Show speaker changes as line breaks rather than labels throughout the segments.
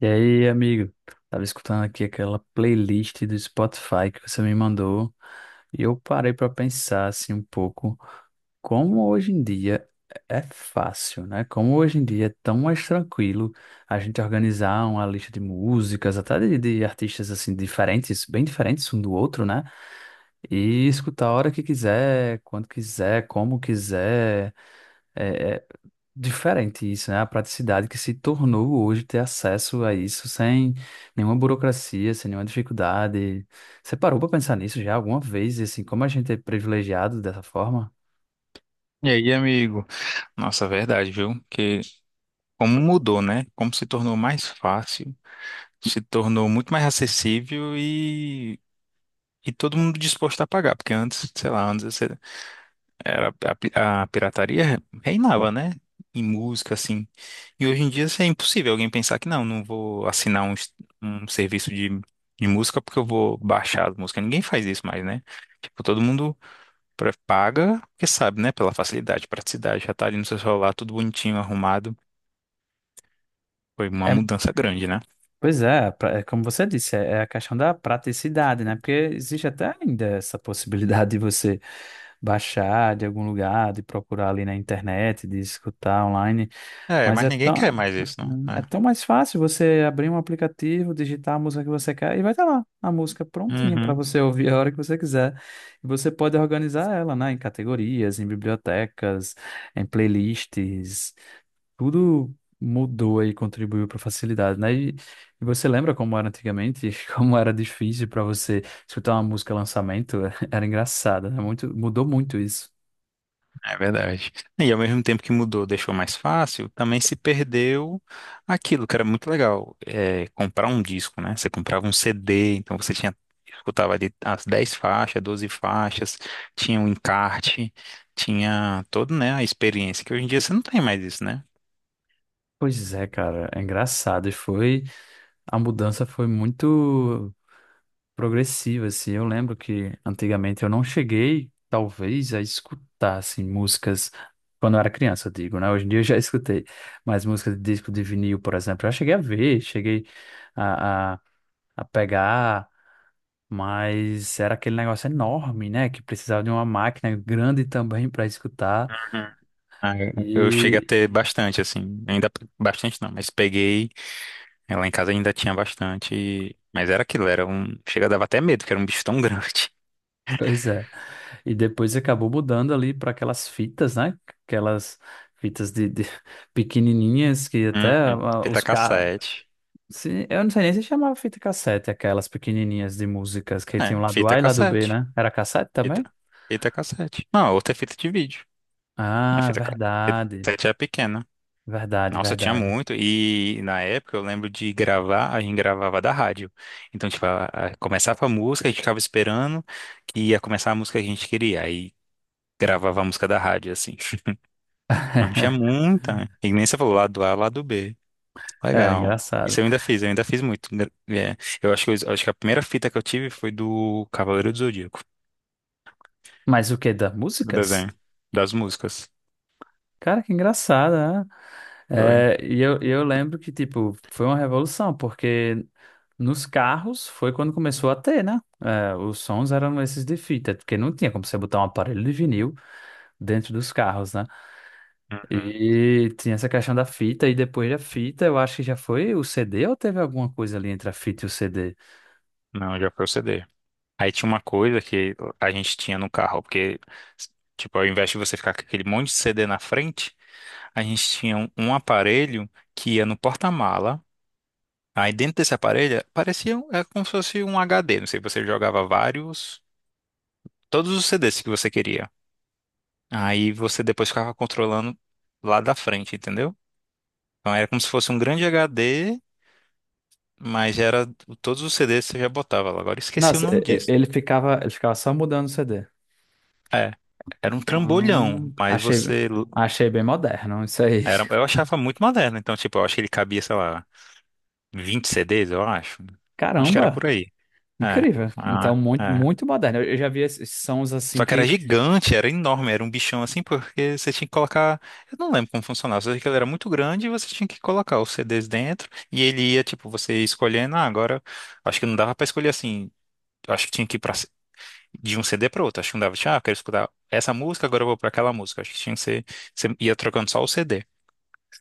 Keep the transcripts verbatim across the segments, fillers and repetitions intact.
E aí, amigo? Tava escutando aqui aquela playlist do Spotify que você me mandou e eu parei para pensar assim um pouco como hoje em dia é fácil, né? Como hoje em dia é tão mais tranquilo a gente organizar uma lista de músicas, até de, de artistas assim diferentes, bem diferentes um do outro, né? E escutar a hora que quiser, quando quiser, como quiser. É, é, Diferente isso, né? A praticidade que se tornou hoje ter acesso a isso sem nenhuma burocracia, sem nenhuma dificuldade. Você parou para pensar nisso já alguma vez? E assim, como a gente é privilegiado dessa forma?
E aí, amigo? Nossa, é verdade, viu? Que como mudou, né? Como se tornou mais fácil, se tornou muito mais acessível e, e todo mundo disposto a pagar, porque antes, sei lá, antes você- era a, pi- a pirataria reinava, né? Em música, assim. E hoje em dia assim, é impossível alguém pensar que não, não vou assinar um, s- um serviço de, de música porque eu vou baixar as músicas. Ninguém faz isso mais, né? Tipo, todo mundo Pra- Paga, porque sabe, né? Pela facilidade, praticidade, já tá ali no seu celular, tudo bonitinho, arrumado. Foi uma
É,
mudança grande, né?
pois é, pra- é como você disse, é é a questão da praticidade, né? Porque existe até ainda essa possibilidade de você baixar de algum lugar, de procurar ali na internet, de escutar online.
É,
Mas
mas
é
ninguém
tão,
quer mais isso, não.
é
É.
tão mais fácil você abrir um aplicativo, digitar a música que você quer e vai estar lá a música prontinha para
Uhum,
você ouvir a hora que você quiser. E você pode organizar ela, né, em categorias, em bibliotecas, em playlists. Tudo mudou e contribuiu para facilidade, né? E, e você lembra como era antigamente, como era difícil para você escutar uma música lançamento? Era engraçado, né? Muito, mudou muito isso.
é verdade. E ao mesmo tempo que mudou, deixou mais fácil, também se perdeu aquilo que era muito legal, é, comprar um disco, né? Você comprava um C D, então você tinha, escutava ali as dez faixas, doze faixas, tinha o um encarte, tinha todo, né, a experiência, que hoje em dia você não tem mais isso, né?
Pois é, cara, é engraçado. E foi. A mudança foi muito progressiva, assim. Eu lembro que antigamente eu não cheguei, talvez, a escutar, assim, músicas quando eu era criança, eu digo, né? Hoje em dia eu já escutei, mas músicas de disco de vinil, por exemplo, eu já cheguei a ver, cheguei a, a, a pegar, mas era aquele negócio enorme, né? Que precisava de uma máquina grande também para escutar.
Ah, eu cheguei a ter bastante, assim, ainda bastante não, mas peguei, eh, lá em casa ainda tinha bastante, e- mas era aquilo, era um, chega, dava até medo, que era um bicho tão grande.
Pois é. E depois acabou mudando ali para aquelas fitas, né? Aquelas fitas de, de pequenininhas que até
Uhum.
ah,
Fita
os carros.
cassete,
Eu não sei nem se chamava fita cassete, aquelas pequenininhas de músicas que
é,
tinham lado A
fita
e lado B,
cassete,
né? Era cassete também?
fita, fita cassete. Não, outra é fita de vídeo, a
Ah,
fita, ca- fita
verdade.
cassete era pequena.
Verdade,
Nossa, tinha
verdade.
muito, e na época eu lembro de gravar, a gente gravava da rádio. Então, tipo, a- a- começava a música, a gente ficava esperando que ia começar a música que a gente queria, aí gravava a música da rádio, assim. Não tinha muita. E nem você falou lado A, lado B.
Era
Legal.
engraçado.
Isso eu ainda fiz, eu ainda fiz muito. É, eu acho que, eu acho que a primeira fita que eu tive foi do Cavaleiro do Zodíaco,
Mas o que das
do
músicas?
desenho, das músicas.
Cara, que engraçado, né?
Foi.
É, e eu, eu lembro que, tipo, foi uma revolução, porque nos carros foi quando começou a ter, né? É, os sons eram esses de fita, porque não tinha como você botar um aparelho de vinil dentro dos carros, né?
Uhum.
E tinha essa questão da fita, e depois da fita, eu acho que já foi o C D ou teve alguma coisa ali entre a fita e o C D?
Não, já foi o C D. Aí tinha uma coisa que a gente tinha no carro, porque, tipo, ao invés de você ficar com aquele monte de C D na frente, a gente tinha um, um aparelho que ia no porta-mala. Aí dentro desse aparelho parecia um- é como se fosse um H D. Não sei, você jogava vários todos os C Ds que você queria. Aí você depois ficava controlando lá da frente, entendeu? Então era como se fosse um grande H D, mas era todos os C Ds que você já botava lá. Agora eu esqueci o
Nossa,
nome
e- e-
disso.
ele ficava, ele ficava só mudando o C D.
É, era um trambolhão,
Hum,
mas
achei,
você
achei bem moderno isso aí.
era, eu achava muito moderno, então tipo, eu acho que ele cabia, sei lá, vinte C Ds, eu acho. Acho que era
Caramba!
por aí. É.
Incrível. Então,
Ah,
muito,
é.
muito moderno. Eu, eu já vi esses sons assim
Só que era
que.
gigante, era enorme, era um bichão assim, porque você tinha que colocar. Eu não lembro como funcionava, só sei que ele era muito grande e você tinha que colocar os C Ds dentro e ele ia, tipo, você ia escolhendo. Ah, agora acho que não dava pra escolher assim. Eu acho que tinha que ir pra... de um C D pra outro. Acho que não dava. Tinha, Ah, eu quero escutar essa música, agora eu vou pra aquela música. Acho que tinha que ser. Você ia trocando só o C D.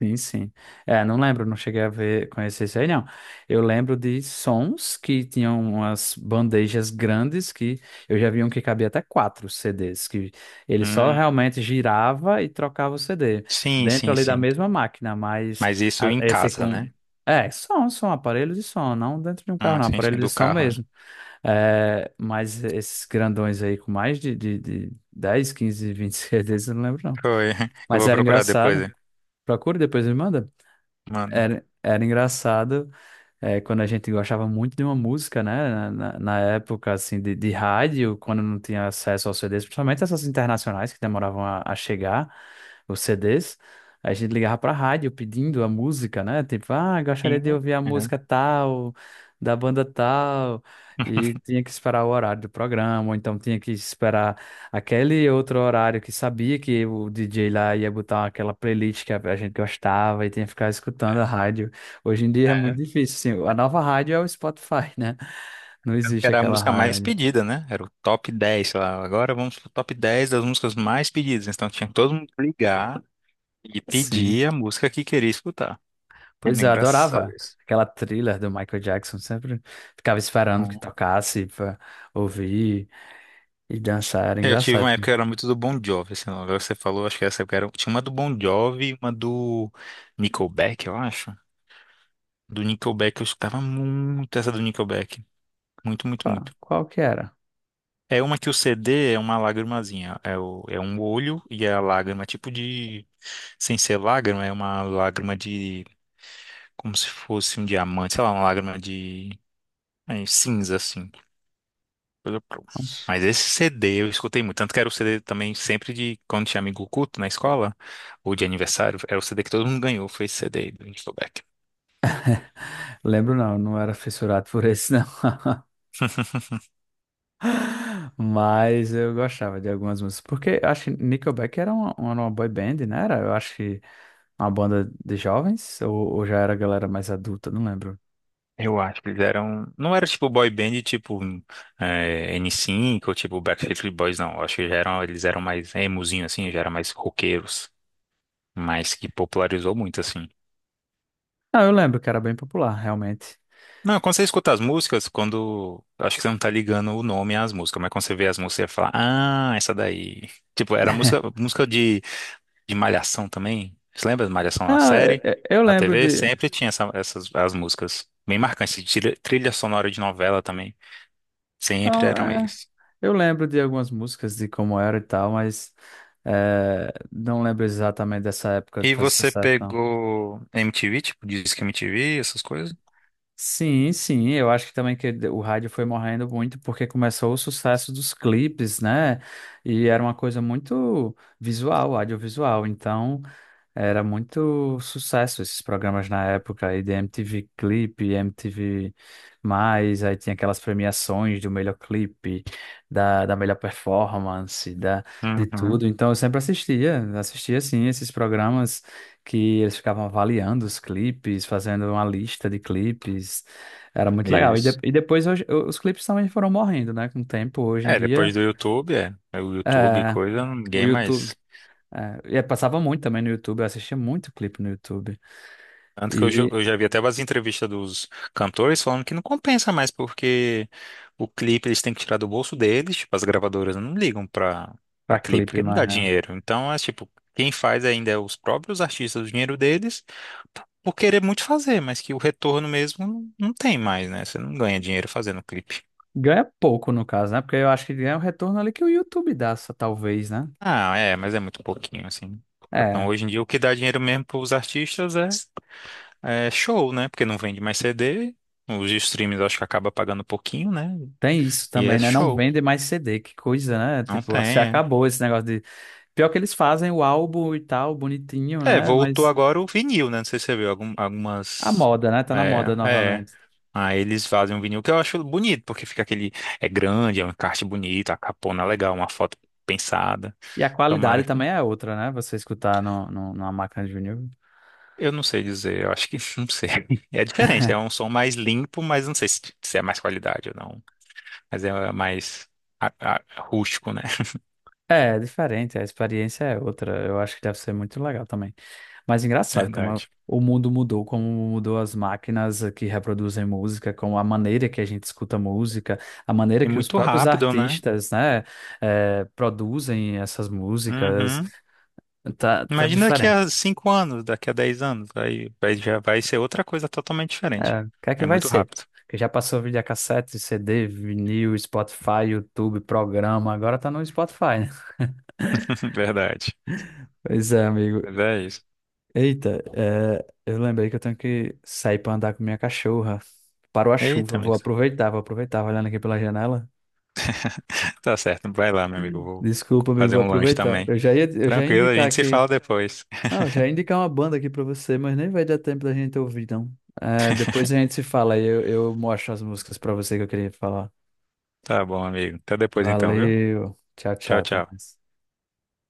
Sim, sim. É, não lembro, não cheguei a ver, conhecer isso aí, não. Eu lembro de sons que tinham umas bandejas grandes que eu já vi um que cabia até quatro C Ds, que ele só
Hum,
realmente girava e trocava o C D
sim,
dentro
sim,
ali da
sim.
mesma máquina, mas
Mas isso
a-
em
esse
casa,
com.
né?
É, som, som, aparelho de som, não dentro de um carro,
Ah,
não,
sim,
aparelho
sim,
de
do
som
carro, né?
mesmo. É, mas esses grandões aí com mais de, de, de dez, quinze, vinte vinte C Ds, eu não lembro não.
Foi. Eu
Mas
vou
era
procurar depois,
engraçado.
hein?
Procura e depois me manda.
Mano.
Era, era engraçado é, quando a gente gostava muito de uma música, né? Na, na- na época, assim, de, de rádio, quando não tinha acesso aos C Ds, principalmente essas internacionais que demoravam a, a chegar, os C Ds, a gente ligava pra rádio pedindo a música, né? Tipo, ah, gostaria de
Sim.
ouvir a
É.
música tal, da banda tal, e tinha que esperar o horário do programa, ou então tinha que esperar aquele outro horário que sabia que o D J lá ia botar aquela playlist que a, a gente gostava, e tinha que ficar escutando a rádio. Hoje em dia é muito
É.
difícil, assim. A nova rádio é o Spotify, né? Não
Tanto que
existe
era a
aquela
música mais
rádio.
pedida, né? Era o top dez, sei lá. Agora vamos pro top dez das músicas mais pedidas. Então tinha que todo mundo ligar e
Sim.
pedir a música que queria escutar. Era
Pois é, eu
engraçado
adorava
isso.
aquela thriller do Michael Jackson. Sempre ficava esperando que
Hum.
tocasse pra ouvir e dançar. Era
Eu tive
engraçado.
uma época que era muito do Bon Jovi, assim, agora você falou, acho que essa época era. Tinha uma do Bon Jovi e uma do Nickelback, eu acho. Do Nickelback eu escutava muito essa do Nickelback. Muito, muito, muito.
Qual, qual que era?
É uma que o C D é uma lágrimazinha. É, o, é um olho e é a lágrima, tipo de. Sem ser lágrima, é uma lágrima de. Como se fosse um diamante, sei lá, uma lágrima de. É, cinza, assim. coisa pro-
Nossa.
Mas esse C D eu escutei muito. Tanto que era o C D também sempre de. Quando tinha amigo culto na escola, ou de aniversário, era o C D que todo mundo ganhou. Foi esse C D do Nickelback.
Lembro não, não era fissurado por esse não, mas eu gostava de algumas músicas, porque eu acho que Nickelback era uma, uma uma boy band, né? Era, eu acho que uma banda de jovens, ou, ou já era galera mais adulta, não lembro.
Eu acho que eles eram. Não era tipo boy band tipo hum, é, N cinco ou tipo Backstreet Boys, não. Eu acho que já eram, eles eram mais emozinho, assim, já eram mais roqueiros. Mas que popularizou muito, assim.
Não, eu lembro que era bem popular, realmente.
Não, quando você escuta as músicas, quando. acho que você não tá ligando o nome às músicas, mas quando você vê as músicas, você fala, ah, essa daí. Tipo, era música, música de, de Malhação também. Você lembra de Malhação na
Não, é-
série?
é- eu
Na
lembro
T V
de.
sempre tinha essa- essas as músicas. Bem marcantes. Trilha, trilha sonora de novela também. Sempre
Não,
eram
é,
eles.
eu lembro de algumas músicas de como era e tal, mas é, não lembro exatamente dessa época de
E
fazer
você
sucesso, não.
pegou M T V, tipo, Disque M T V, essas coisas?
Sim, sim, eu acho que também que o rádio foi morrendo muito porque começou o sucesso dos clipes, né? E era uma coisa muito visual, audiovisual. Então, era muito sucesso esses programas na época, aí de M T V Clipe, M T V Mais, aí tinha aquelas premiações do melhor clipe, da, da melhor performance, da, de
Uhum,
tudo. Então eu sempre assistia, assistia assim esses programas que eles ficavam avaliando os clipes, fazendo uma lista de clipes. Era muito legal. E, de-
isso.
e depois hoje- os clipes também foram morrendo, né? Com o tempo, hoje em
É,
dia,
depois do YouTube, é. É o YouTube, e
é,
coisa,
o
ninguém
YouTube.
mais.
É, e passava muito também no YouTube, eu assistia muito clipe no YouTube.
Tanto que eu, já-
E
eu já vi até umas entrevistas dos cantores falando que não compensa mais, porque o clipe eles têm que tirar do bolso deles, tipo, as gravadoras não ligam pra, pra
pra
clipe,
clipe
porque não dá
mais, né?
dinheiro. Então, é tipo, quem faz ainda é os próprios artistas, o dinheiro deles, p- por querer muito fazer, mas que o retorno mesmo não não tem mais, né? Você não ganha dinheiro fazendo clipe.
Ganha pouco, no caso, né? Porque eu acho que ganha o retorno ali que o YouTube dá, só, talvez, né?
Ah, é, mas é muito pouquinho, assim. Então,
É,
hoje em dia, o que dá dinheiro mesmo para os artistas é, é show, né? Porque não vende mais C D, os streams acho que acaba pagando pouquinho, né?
tem isso
E é
também, né? Não
show.
vende mais C D, que coisa, né?
Não tem,
Tipo, se
é.
acabou esse negócio de. Pior que eles fazem o álbum e tal, bonitinho,
É,
né?
voltou
Mas
agora o vinil, né? Não sei se você viu algum-
a
algumas.
moda, né? Tá na
É,
moda
é.
novamente.
Aí eles fazem um vinil que eu acho bonito, porque fica aquele. É grande, é um encarte bonito, a capona é legal, uma foto pensada.
E a qualidade
Tomara.
também é outra, né? Você escutar no, no, numa máquina de vinil.
Eu não sei dizer, eu acho que não sei. É diferente, é um som mais limpo, mas não sei se, se é mais qualidade ou não. Mas é mais a- a- rústico, né?
É, é diferente, a experiência é outra. Eu acho que deve ser muito legal também. Mas engraçado como a-
Verdade.
o mundo mudou, como mudou as máquinas que reproduzem música, como a maneira que a gente escuta música, a maneira
E
que os
muito
próprios
rápido, né?
artistas, né, eh, produzem essas músicas,
Uhum.
tá, tá
Imagina daqui
diferente.
a cinco anos, daqui a dez anos, aí vai- já vai ser outra coisa totalmente diferente.
É, o que é que
É
vai
muito
ser?
rápido.
Porque já passou videocassete, C D, vinil, Spotify, YouTube, programa, agora tá no Spotify, né?
Verdade.
Pois é, amigo.
Mas é isso.
Eita, é, eu lembrei que eu tenho que sair pra andar com minha cachorra. Parou a
Eita,
chuva, vou
amigo.
aproveitar, vou aproveitar, olhando aqui pela janela.
Tá certo, vai lá, meu amigo. Eu vou
Desculpa, amigo,
fazer
vou
um lanche
aproveitar.
também.
Eu já ia, eu já ia
Tranquilo, a
indicar
gente se
aqui.
fala depois.
Não, eu já ia indicar uma banda aqui pra você, mas nem vai dar tempo da gente ouvir, não. É, depois a gente se fala e eu, eu mostro as músicas pra você que eu queria falar.
Tá bom, amigo. Até depois então, viu?
Valeu, tchau, tchau,
Tchau,
até
tchau.
mais.